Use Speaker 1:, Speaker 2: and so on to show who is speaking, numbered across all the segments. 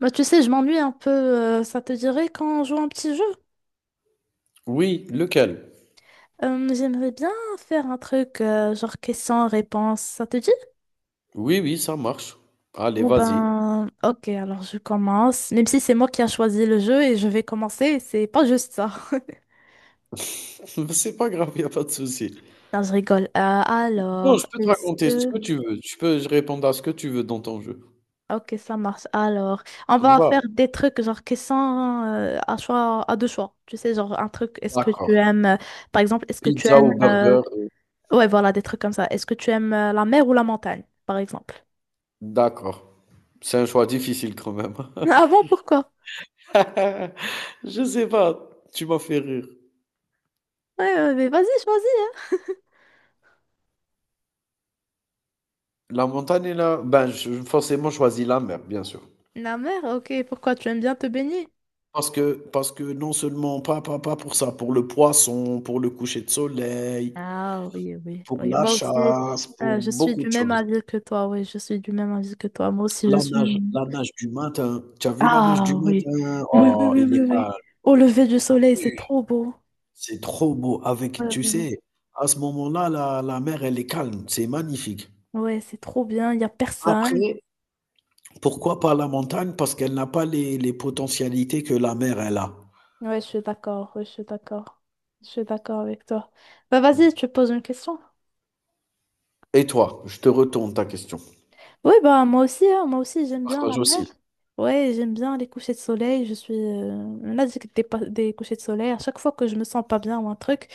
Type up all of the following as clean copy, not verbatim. Speaker 1: Bah, tu sais, je m'ennuie un peu. Ça te dirait qu'on joue un petit jeu?
Speaker 2: Oui, lequel?
Speaker 1: J'aimerais bien faire un truc genre question-réponse. Ça te dit?
Speaker 2: Oui, oui, ça marche. Allez,
Speaker 1: Bon
Speaker 2: vas-y.
Speaker 1: ben, ok, alors je commence. Même si c'est moi qui a choisi le jeu et je vais commencer, c'est pas juste ça.
Speaker 2: C'est pas grave, il a pas de souci.
Speaker 1: Non, je rigole.
Speaker 2: Non, je
Speaker 1: Alors,
Speaker 2: peux te
Speaker 1: est-ce
Speaker 2: raconter ce
Speaker 1: que...
Speaker 2: que tu veux. Je répondre à ce que tu veux dans ton jeu.
Speaker 1: Ok, ça marche. Alors, on
Speaker 2: Ça te
Speaker 1: va
Speaker 2: va?
Speaker 1: faire des trucs genre questions à choix, à deux choix. Tu sais, genre un truc, est-ce que tu
Speaker 2: D'accord.
Speaker 1: aimes, par exemple, est-ce que tu
Speaker 2: Pizza
Speaker 1: aimes
Speaker 2: ou burger?
Speaker 1: Ouais, voilà, des trucs comme ça. Est-ce que tu aimes la mer ou la montagne, par exemple?
Speaker 2: D'accord. C'est un choix difficile quand même.
Speaker 1: Ah bon, pourquoi?
Speaker 2: Je sais pas, tu m'as fait rire.
Speaker 1: Ouais, ouais, mais vas-y, choisis, hein.
Speaker 2: La montagne est là, ben je forcément choisis la mer, bien sûr.
Speaker 1: La mer, ok, pourquoi? Tu aimes bien te baigner?
Speaker 2: Parce que non seulement, pas pour ça, pour le poisson, pour le coucher de soleil,
Speaker 1: Ah oui, oui,
Speaker 2: pour
Speaker 1: oui.
Speaker 2: la
Speaker 1: Moi aussi,
Speaker 2: chasse, pour
Speaker 1: je suis
Speaker 2: beaucoup
Speaker 1: du
Speaker 2: de
Speaker 1: même
Speaker 2: choses.
Speaker 1: avis que toi. Oui, je suis du même avis que toi. Moi aussi, je
Speaker 2: La nage
Speaker 1: suis...
Speaker 2: la nage du matin, tu as vu la nage du
Speaker 1: Ah oui.
Speaker 2: matin?
Speaker 1: Oui, oui,
Speaker 2: Oh,
Speaker 1: oui,
Speaker 2: il
Speaker 1: oui,
Speaker 2: est calme.
Speaker 1: oui. Au lever du soleil, c'est
Speaker 2: Oui,
Speaker 1: trop beau.
Speaker 2: c'est trop beau
Speaker 1: Ouais,
Speaker 2: avec tu
Speaker 1: ouais, ouais.
Speaker 2: sais, à ce moment-là, la mer, elle est calme, c'est magnifique.
Speaker 1: Ouais, c'est trop bien, il n'y a personne.
Speaker 2: Après, pourquoi pas la montagne? Parce qu'elle n'a pas les potentialités que la mer, elle a.
Speaker 1: Ouais, je suis d'accord, ouais, je suis d'accord. Je suis d'accord avec toi. Bah vas-y, tu poses une question.
Speaker 2: Et toi? Je te retourne ta question.
Speaker 1: Oui, bah moi aussi, hein, moi aussi
Speaker 2: Tu
Speaker 1: j'aime bien
Speaker 2: partages
Speaker 1: la mer.
Speaker 2: aussi.
Speaker 1: Ouais, j'aime bien les couchers de soleil. Je suis on a dit que des couchers de soleil. À chaque fois que je me sens pas bien ou un truc,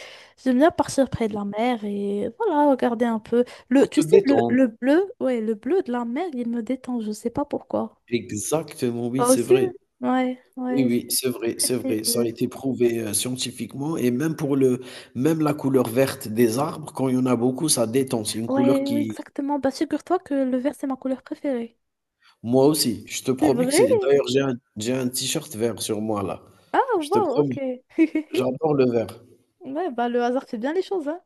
Speaker 1: j'aime bien partir près de la mer et voilà, regarder un peu.
Speaker 2: Pour
Speaker 1: Tu
Speaker 2: te
Speaker 1: sais, le,
Speaker 2: détendre.
Speaker 1: le bleu, ouais, le bleu de la mer, il me détend. Je sais pas pourquoi.
Speaker 2: Exactement, oui,
Speaker 1: Toi
Speaker 2: c'est
Speaker 1: aussi?
Speaker 2: vrai.
Speaker 1: Ouais,
Speaker 2: Oui,
Speaker 1: ouais,
Speaker 2: oui,
Speaker 1: c'est
Speaker 2: c'est vrai,
Speaker 1: très
Speaker 2: c'est vrai. Ça a
Speaker 1: paisible.
Speaker 2: été prouvé, scientifiquement et même pour le même la couleur verte des arbres, quand il y en a beaucoup, ça détend. C'est une couleur
Speaker 1: Ouais, oui,
Speaker 2: qui
Speaker 1: exactement. Bah figure-toi que le vert, c'est ma couleur préférée.
Speaker 2: moi aussi, je te
Speaker 1: C'est
Speaker 2: promets que
Speaker 1: vrai?
Speaker 2: c'est d'ailleurs, j'ai un t-shirt vert sur moi là.
Speaker 1: Ah,
Speaker 2: Je te
Speaker 1: wow,
Speaker 2: promets,
Speaker 1: ok.
Speaker 2: j'adore le vert.
Speaker 1: Ouais, bah le hasard fait bien les choses, hein.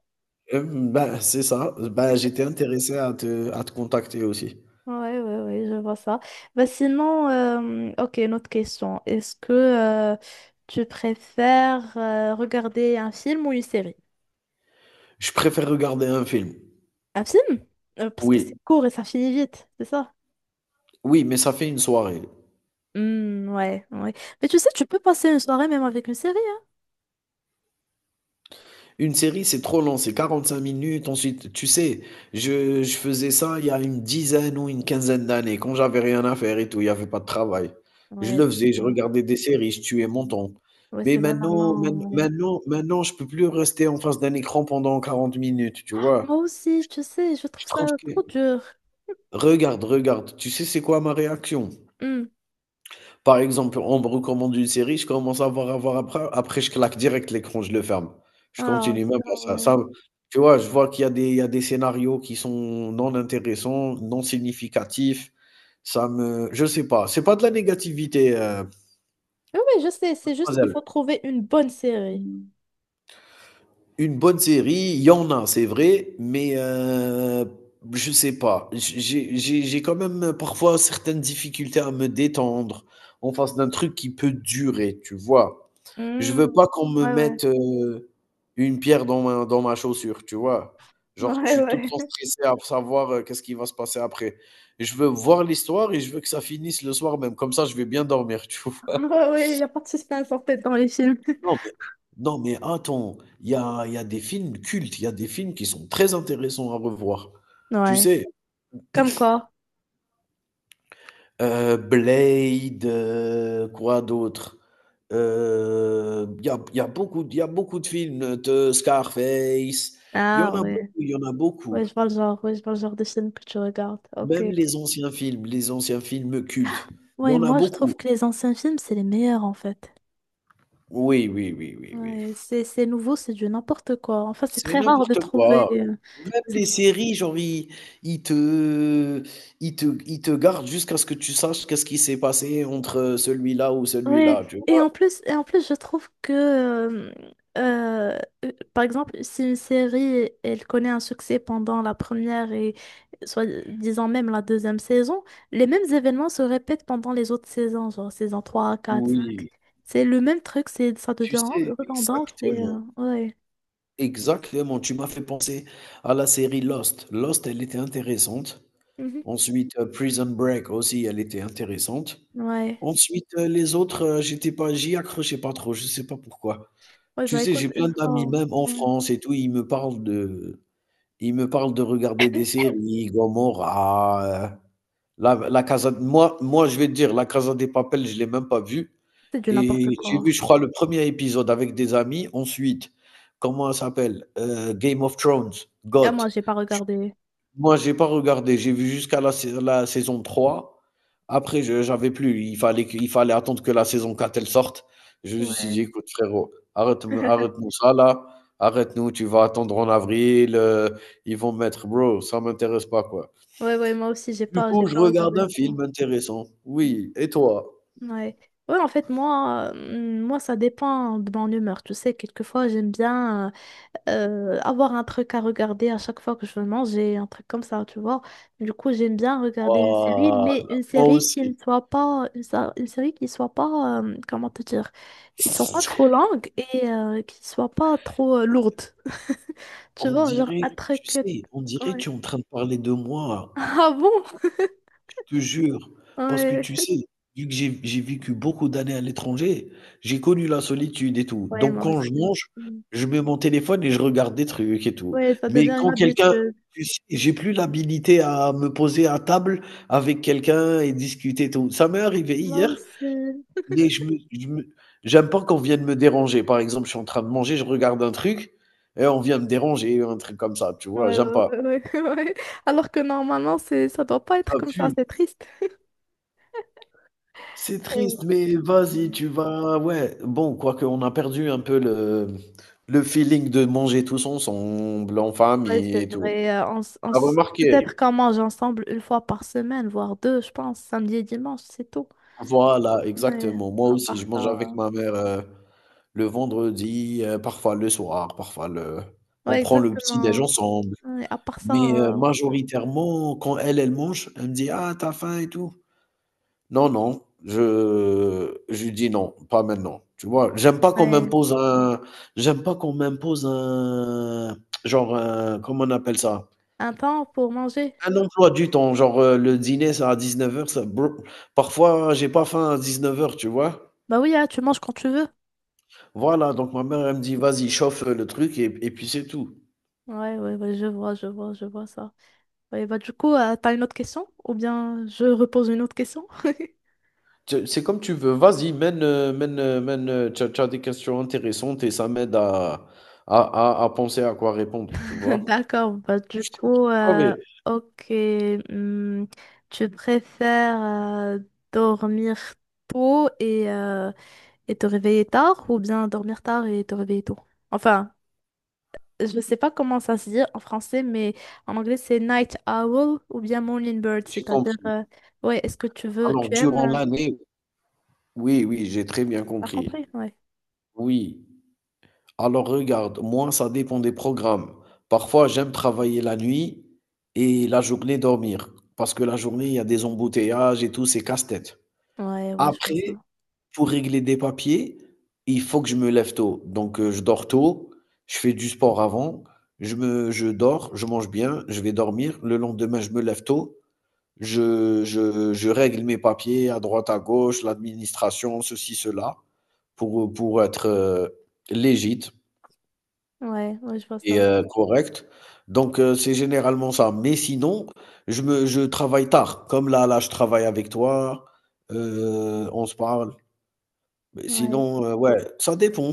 Speaker 2: Bah, c'est ça. Ben j'étais intéressé à te contacter aussi.
Speaker 1: Ouais, ouais, ouais, je vois ça. Bah, sinon, ok, une autre question. Est-ce que tu préfères regarder un film ou une série?
Speaker 2: Je préfère regarder un film.
Speaker 1: Un film? Parce que c'est
Speaker 2: Oui,
Speaker 1: court et ça finit vite, c'est ça?
Speaker 2: oui, mais ça fait une soirée.
Speaker 1: Hmm, ouais, ouais. Mais tu sais, tu peux passer une soirée même avec une série,
Speaker 2: Une série, c'est trop long, c'est 45 minutes. Ensuite, tu sais, je faisais ça il y a une dizaine ou une quinzaine d'années, quand j'avais rien à faire et tout, il y avait pas de travail.
Speaker 1: hein.
Speaker 2: Je
Speaker 1: Ouais,
Speaker 2: le
Speaker 1: c'est
Speaker 2: faisais, je
Speaker 1: ça.
Speaker 2: regardais des séries, je tuais mon temps.
Speaker 1: Ouais,
Speaker 2: Mais
Speaker 1: c'est
Speaker 2: maintenant, main-
Speaker 1: vraiment, ouais.
Speaker 2: maintenant, maintenant, je peux plus rester en face d'un écran pendant 40 minutes, tu vois?
Speaker 1: Moi
Speaker 2: Je
Speaker 1: aussi, tu
Speaker 2: trouve
Speaker 1: sais, je
Speaker 2: je
Speaker 1: trouve
Speaker 2: trouve
Speaker 1: ça
Speaker 2: que...
Speaker 1: trop dur.
Speaker 2: Regarde, regarde, tu sais c'est quoi ma réaction?
Speaker 1: Hmm.
Speaker 2: Par exemple, on me recommande une série, je commence à voir, à voir après je claque direct l'écran, je le ferme. Je
Speaker 1: Ah,
Speaker 2: continue
Speaker 1: c'est
Speaker 2: même pas
Speaker 1: grave,
Speaker 2: ça
Speaker 1: ouais.
Speaker 2: ça tu vois? Je vois qu'il y a des scénarios qui sont non intéressants, non significatifs. Ça me je sais pas, c'est pas de la négativité,
Speaker 1: Oui, oui, je sais, c'est juste qu'il
Speaker 2: mademoiselle.
Speaker 1: faut trouver une bonne série.
Speaker 2: Une bonne série, il y en a, c'est vrai, mais je sais pas. J'ai quand même parfois certaines difficultés à me détendre en face d'un truc qui peut durer, tu vois? Je
Speaker 1: Hmm.
Speaker 2: veux pas qu'on me
Speaker 1: Ouais, ouais.
Speaker 2: mette, une pierre dans ma chaussure, tu vois? Genre, je
Speaker 1: Ouais,
Speaker 2: suis tout le
Speaker 1: ouais.
Speaker 2: temps stressé à savoir, qu'est-ce qui va se passer après. Je veux voir l'histoire et je veux que ça finisse le soir même, comme ça je vais bien dormir, tu
Speaker 1: Ah
Speaker 2: vois?
Speaker 1: ouais, ouais, il n'y a pas de suspense en fait dans les films.
Speaker 2: Non, mais non, mais attends, il y a des films cultes, il y a des films qui sont très intéressants à revoir. Tu
Speaker 1: Ouais.
Speaker 2: sais?
Speaker 1: Comme quoi?
Speaker 2: Blade, quoi d'autre? Il y a y a beaucoup il y a beaucoup de films de Scarface. Il y en
Speaker 1: Ah
Speaker 2: a beaucoup,
Speaker 1: ouais.
Speaker 2: il y en a
Speaker 1: Ouais,
Speaker 2: beaucoup.
Speaker 1: je vois le genre. Ouais, je vois le genre de film que tu regardes. Ok.
Speaker 2: Même les anciens films cultes, il y
Speaker 1: Ouais,
Speaker 2: en a
Speaker 1: moi je trouve
Speaker 2: beaucoup.
Speaker 1: que les anciens films, c'est les meilleurs en fait.
Speaker 2: Oui, oui, oui, oui, oui.
Speaker 1: Ouais, c'est nouveau, c'est du n'importe quoi. Enfin, c'est
Speaker 2: C'est
Speaker 1: très rare de
Speaker 2: n'importe
Speaker 1: trouver,
Speaker 2: quoi. Même
Speaker 1: c'est.
Speaker 2: les séries, genre, ils te ils te gardent jusqu'à ce que tu saches qu'est-ce qui s'est passé entre, celui-là ou
Speaker 1: Oui,
Speaker 2: celui-là, tu
Speaker 1: et
Speaker 2: vois?
Speaker 1: en plus, et en plus, je trouve que, euh, par exemple, si une série, elle connaît un succès pendant la première et, soit disant même la deuxième saison, les mêmes événements se répètent pendant les autres saisons, genre saison 3 4 5.
Speaker 2: Oui,
Speaker 1: C'est le même truc, c'est, ça
Speaker 2: tu
Speaker 1: devient
Speaker 2: sais
Speaker 1: redondant, c'est,
Speaker 2: exactement.
Speaker 1: ouais.
Speaker 2: Exactement, tu m'as fait penser à la série Lost. Lost, elle était intéressante.
Speaker 1: Mhm.
Speaker 2: Ensuite, Prison Break aussi, elle était intéressante.
Speaker 1: Ouais.
Speaker 2: Ensuite, les autres, j'étais pas j'y accrochais pas trop, je sais pas pourquoi.
Speaker 1: Ouais,
Speaker 2: Tu
Speaker 1: bah
Speaker 2: sais,
Speaker 1: écoute,
Speaker 2: j'ai
Speaker 1: une
Speaker 2: plein d'amis,
Speaker 1: fois,
Speaker 2: même en
Speaker 1: ouais.
Speaker 2: France et tout, ils me parlent de regarder des séries, Gomorrah, la la Casa moi, je vais te dire, la Casa des Papel, je l'ai même pas vue
Speaker 1: C'est du n'importe
Speaker 2: et j'ai vu,
Speaker 1: quoi.
Speaker 2: je crois, le premier épisode avec des amis. Ensuite, comment ça s'appelle? Game of Thrones,
Speaker 1: Ah,
Speaker 2: GOT.
Speaker 1: moi, j'ai pas
Speaker 2: J
Speaker 1: regardé.
Speaker 2: Moi, j'ai pas regardé, j'ai vu jusqu'à la saison trois. Après, je j'avais plus, il fallait attendre que la saison 4 elle sorte. Je me suis dit:
Speaker 1: Ouais.
Speaker 2: «Écoute frérot, arrête arrête-nous ça là, arrête-nous, tu vas attendre en avril, ils vont mettre» bro, ça m'intéresse pas, quoi.
Speaker 1: Ouais, ouais, moi aussi, j'ai
Speaker 2: Du
Speaker 1: pas, j'ai
Speaker 2: coup, je
Speaker 1: pas
Speaker 2: regarde
Speaker 1: regardé
Speaker 2: un
Speaker 1: ça.
Speaker 2: film intéressant. Oui, et toi?
Speaker 1: Ouais. Ouais, en fait, moi, ça dépend de mon humeur. Tu sais, quelquefois, j'aime bien avoir un truc à regarder à chaque fois que je veux manger, un truc comme ça, tu vois. Du coup, j'aime bien regarder une série, mais
Speaker 2: Voilà,
Speaker 1: une
Speaker 2: moi
Speaker 1: série qui ne
Speaker 2: aussi.
Speaker 1: soit pas, une série qui soit pas, comment te dire, qui soit pas trop longue et qui soit pas trop lourde. Tu
Speaker 2: On
Speaker 1: vois, genre
Speaker 2: dirait,
Speaker 1: un
Speaker 2: tu
Speaker 1: truc.
Speaker 2: sais, on dirait tu
Speaker 1: Ouais.
Speaker 2: es en train de parler de moi,
Speaker 1: Ah bon?
Speaker 2: je te jure. Parce que
Speaker 1: Ouais.
Speaker 2: tu sais, vu que j'ai vécu beaucoup d'années à l'étranger, j'ai connu la solitude et tout.
Speaker 1: Ouais,
Speaker 2: Donc
Speaker 1: moi
Speaker 2: quand je
Speaker 1: aussi.
Speaker 2: mange, je mets mon téléphone et je regarde des trucs et tout.
Speaker 1: Ouais, ça
Speaker 2: Mais
Speaker 1: devient une
Speaker 2: quand quelqu'un
Speaker 1: habitude.
Speaker 2: tu sais, j'ai plus l'habilité à me poser à table avec quelqu'un et discuter et tout. Ça m'est arrivé
Speaker 1: Moi
Speaker 2: hier,
Speaker 1: aussi.
Speaker 2: mais je me j'aime pas qu'on vienne me déranger. Par exemple, je suis en train de manger, je regarde un truc et on vient me déranger, un truc comme ça, tu vois?
Speaker 1: Ouais, ouais,
Speaker 2: J'aime pas.
Speaker 1: ouais, ouais, ouais. Alors que normalement, c'est, ça doit pas être
Speaker 2: Ah
Speaker 1: comme
Speaker 2: pu
Speaker 1: ça, c'est triste.
Speaker 2: C'est
Speaker 1: Ouais,
Speaker 2: triste, mais vas-y, tu vas ouais, bon, quoique on a perdu un peu le feeling de manger tous ensemble, en
Speaker 1: ouais,
Speaker 2: famille
Speaker 1: c'est
Speaker 2: et tout.
Speaker 1: vrai. Et
Speaker 2: T'as
Speaker 1: peut-être
Speaker 2: remarqué?
Speaker 1: qu'on mange ensemble une fois par semaine, voire deux, je pense, samedi et dimanche, c'est tout.
Speaker 2: Voilà,
Speaker 1: Ouais,
Speaker 2: exactement. Moi
Speaker 1: à
Speaker 2: aussi,
Speaker 1: part
Speaker 2: je
Speaker 1: ça.
Speaker 2: mange avec ma mère, le vendredi, parfois le soir, parfois le on
Speaker 1: Ouais,
Speaker 2: prend le petit-déj
Speaker 1: exactement.
Speaker 2: ensemble.
Speaker 1: Ouais, à part ça,
Speaker 2: Mais
Speaker 1: euh, non.
Speaker 2: majoritairement, quand elle, elle mange, elle me dit: «Ah, t'as faim et tout?» Non, non, je lui dis: «Non, pas maintenant», tu vois? J'aime pas qu'on
Speaker 1: Ouais.
Speaker 2: m'impose un j'aime pas qu'on m'impose un genre un comment on appelle ça?
Speaker 1: Un temps pour manger.
Speaker 2: Un emploi du temps, genre, le dîner c'est à dix-neuf heures, ça blo parfois hein, j'ai pas faim à dix-neuf heures, tu vois?
Speaker 1: Bah oui, hein, tu manges quand tu veux.
Speaker 2: Voilà, donc ma mère elle me dit: «Vas-y chauffe, le truc et puis c'est tout».
Speaker 1: Ouais, ouais, ouais, je vois, je vois, je vois ça. Ouais, bah du coup, t'as une autre question? Ou bien je repose une autre question?
Speaker 2: C'est comme tu veux, vas-y mène, tu as des questions intéressantes et ça m'aide à à penser à quoi répondre, tu vois?
Speaker 1: D'accord, bah du
Speaker 2: Je te
Speaker 1: coup,
Speaker 2: promets.
Speaker 1: ok, hum, tu préfères dormir tôt et te réveiller tard ou bien dormir tard et te réveiller tôt? Enfin, je sais pas comment ça se dit en français, mais en anglais c'est night owl ou bien morning bird,
Speaker 2: J'ai
Speaker 1: c'est-à-dire,
Speaker 2: compris.
Speaker 1: ouais, est-ce que tu veux, tu
Speaker 2: Alors,
Speaker 1: aimes,
Speaker 2: durant l'année, oui, oui, j'ai très bien
Speaker 1: t'as
Speaker 2: compris.
Speaker 1: compris? Ouais,
Speaker 2: Oui. Alors, regarde, moi, ça dépend des programmes. Parfois, j'aime travailler la nuit et la journée dormir. Parce que la journée, il y a des embouteillages et tout, c'est casse-tête.
Speaker 1: ouais, ouais, je vois ça.
Speaker 2: Après, pour régler des papiers, il faut que je me lève tôt. Donc, je dors tôt, je fais du sport avant, je dors, je mange bien, je vais dormir. Le lendemain, je me lève tôt. Je règle mes papiers à droite, à gauche, l'administration, ceci, cela, pour être légit
Speaker 1: Ouais, ouais, je vois
Speaker 2: et
Speaker 1: ça.
Speaker 2: correct. Donc, c'est généralement ça. Mais sinon, je travaille tard. Comme là, là, je travaille avec toi, on se parle. Mais
Speaker 1: Ouais,
Speaker 2: sinon, ouais, ça dépend.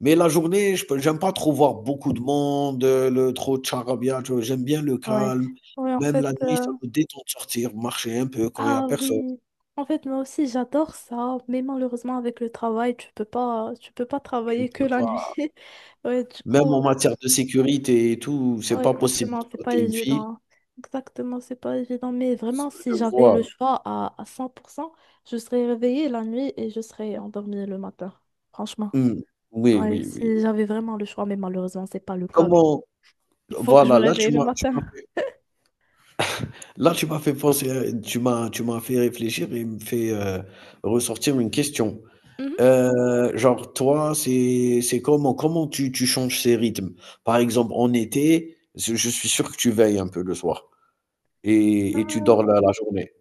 Speaker 2: Mais la journée, j'aime pas trop voir beaucoup de monde, le trop de charabia, tu vois, j'aime bien le
Speaker 1: ouais.
Speaker 2: calme.
Speaker 1: Ouais, en
Speaker 2: Même
Speaker 1: fait,
Speaker 2: la nuit, ça me détend de sortir, marcher un peu quand il y a
Speaker 1: Ah
Speaker 2: personne.
Speaker 1: oui, en fait moi aussi j'adore ça, mais malheureusement avec le travail tu peux pas
Speaker 2: Tu
Speaker 1: travailler que
Speaker 2: peux
Speaker 1: la nuit. Ouais du
Speaker 2: Même
Speaker 1: coup
Speaker 2: en matière de sécurité et tout, c'est
Speaker 1: ouais,
Speaker 2: pas possible
Speaker 1: exactement
Speaker 2: pour
Speaker 1: c'est
Speaker 2: toi,
Speaker 1: pas
Speaker 2: tu es une fille.
Speaker 1: évident. Exactement c'est pas évident, mais
Speaker 2: S
Speaker 1: vraiment si
Speaker 2: Je
Speaker 1: j'avais
Speaker 2: vois.
Speaker 1: le choix à 100%, je serais réveillée la nuit et je serais endormie le matin. Franchement,
Speaker 2: Mmh. Oui,
Speaker 1: ouais
Speaker 2: oui, oui.
Speaker 1: si j'avais vraiment le choix, mais malheureusement c'est pas le cas.
Speaker 2: Comment
Speaker 1: Il faut que je
Speaker 2: voilà,
Speaker 1: me
Speaker 2: là
Speaker 1: réveille le
Speaker 2: tu
Speaker 1: matin.
Speaker 2: m'as fait là tu m'as fait penser à tu m'as fait réfléchir et me fait, ressortir une question.
Speaker 1: Mhm.
Speaker 2: Genre toi, c'est comment tu changes ces rythmes? Par exemple en été, je suis sûr que tu veilles un peu le soir et tu dors la journée.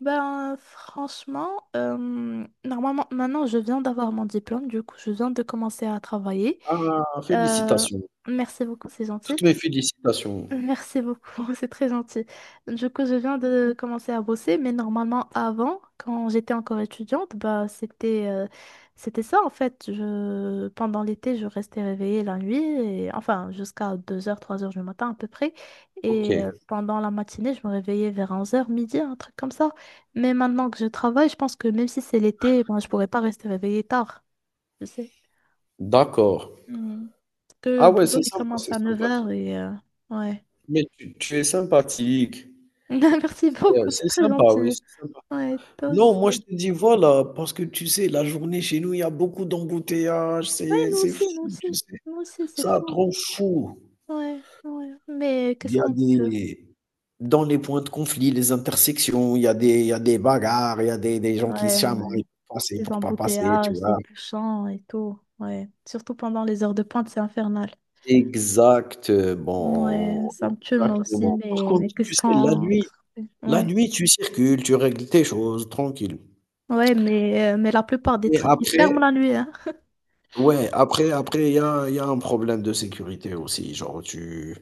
Speaker 1: Ben, franchement, normalement, maintenant, je viens d'avoir mon diplôme, du coup, je viens de commencer à travailler.
Speaker 2: Ah!
Speaker 1: Euh,
Speaker 2: Félicitations.
Speaker 1: Merci beaucoup, c'est gentil.
Speaker 2: Toutes mes félicitations.
Speaker 1: Merci beaucoup, c'est très gentil. Du coup, je viens de commencer à bosser, mais normalement avant, quand j'étais encore étudiante, bah c'était ça en fait. Pendant l'été, je restais réveillée la nuit, et, enfin jusqu'à 2 heures, 3 heures du matin à peu près. Et
Speaker 2: OK,
Speaker 1: pendant la matinée, je me réveillais vers 11 heures midi, un truc comme ça. Mais maintenant que je travaille, je pense que même si c'est l'été, ben, je pourrais pas rester réveillée tard, je sais.
Speaker 2: d'accord.
Speaker 1: Mm. Parce que le
Speaker 2: Ah ouais,
Speaker 1: boulot,
Speaker 2: c'est
Speaker 1: il
Speaker 2: sympa,
Speaker 1: commence
Speaker 2: c'est
Speaker 1: à 9 heures
Speaker 2: sympathique.
Speaker 1: et ouais.
Speaker 2: Mais tu es sympathique.
Speaker 1: Merci beaucoup, c'est
Speaker 2: C'est
Speaker 1: très
Speaker 2: sympa, oui,
Speaker 1: gentil.
Speaker 2: c'est sympa.
Speaker 1: Ouais, toi
Speaker 2: Non, moi je
Speaker 1: aussi.
Speaker 2: te dis voilà, parce que tu sais, la journée chez nous, il y a beaucoup d'embouteillages,
Speaker 1: Ouais, nous
Speaker 2: c'est fou,
Speaker 1: aussi, nous
Speaker 2: tu
Speaker 1: aussi.
Speaker 2: sais?
Speaker 1: Nous aussi, c'est
Speaker 2: Ça
Speaker 1: fou.
Speaker 2: rend fou.
Speaker 1: Ouais, ouais. Mais
Speaker 2: Il
Speaker 1: qu'est-ce
Speaker 2: y a
Speaker 1: qu'on peut?
Speaker 2: des Dans les points de conflit, les intersections, il y a des bagarres, il y a des gens qui
Speaker 1: Ouais,
Speaker 2: se
Speaker 1: ouais.
Speaker 2: chamaillent pour passer,
Speaker 1: Les
Speaker 2: pour pas passer, tu
Speaker 1: embouteillages, les
Speaker 2: vois?
Speaker 1: bouchons et tout. Ouais. Surtout pendant les heures de pointe, c'est infernal. Ouais,
Speaker 2: Exactement,
Speaker 1: ça me tue moi aussi,
Speaker 2: exactement. Par
Speaker 1: mais
Speaker 2: contre, tu sais, la nuit
Speaker 1: qu'est-ce qu'on fait.
Speaker 2: la
Speaker 1: Ouais.
Speaker 2: nuit, tu circules, tu règles tes choses tranquille.
Speaker 1: Ouais, mais la plupart des
Speaker 2: Mais
Speaker 1: trucs, ils ferment
Speaker 2: après
Speaker 1: la nuit, hein.
Speaker 2: ouais, après il y a un problème de sécurité aussi,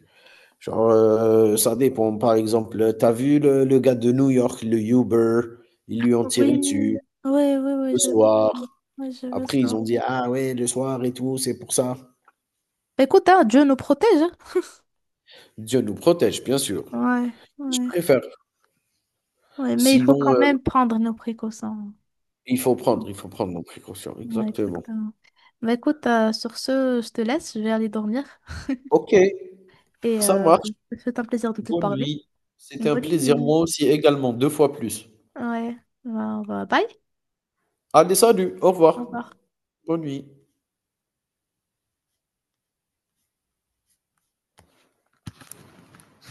Speaker 2: genre, ça dépend. Par exemple, t'as vu le gars de New York, le Uber? Ils lui ont tiré
Speaker 1: Oui,
Speaker 2: dessus
Speaker 1: oui, oui, oui,
Speaker 2: le
Speaker 1: je veux
Speaker 2: soir.
Speaker 1: ça. Ouais, je veux
Speaker 2: Après ils
Speaker 1: ça.
Speaker 2: ont dit: «Ah ouais, le soir et tout, c'est pour ça».
Speaker 1: Écoute, hein, Dieu nous protège, hein.
Speaker 2: Dieu nous protège, bien sûr.
Speaker 1: Ouais,
Speaker 2: Je
Speaker 1: ouais.
Speaker 2: préfère.
Speaker 1: Ouais, mais il faut quand
Speaker 2: Sinon,
Speaker 1: même prendre nos précautions.
Speaker 2: Il faut prendre nos précautions,
Speaker 1: Ouais,
Speaker 2: exactement.
Speaker 1: exactement. Bah écoute, sur ce, je te laisse, je vais aller dormir
Speaker 2: OK,
Speaker 1: et
Speaker 2: ça marche.
Speaker 1: c'est un plaisir de te
Speaker 2: Bonne
Speaker 1: parler.
Speaker 2: nuit. C'était un
Speaker 1: Bonne
Speaker 2: plaisir,
Speaker 1: nuit.
Speaker 2: moi aussi également, 2 fois plus.
Speaker 1: Ouais, bah, bye.
Speaker 2: Allez, salut, au
Speaker 1: Au
Speaker 2: revoir.
Speaker 1: revoir.
Speaker 2: Bonne nuit.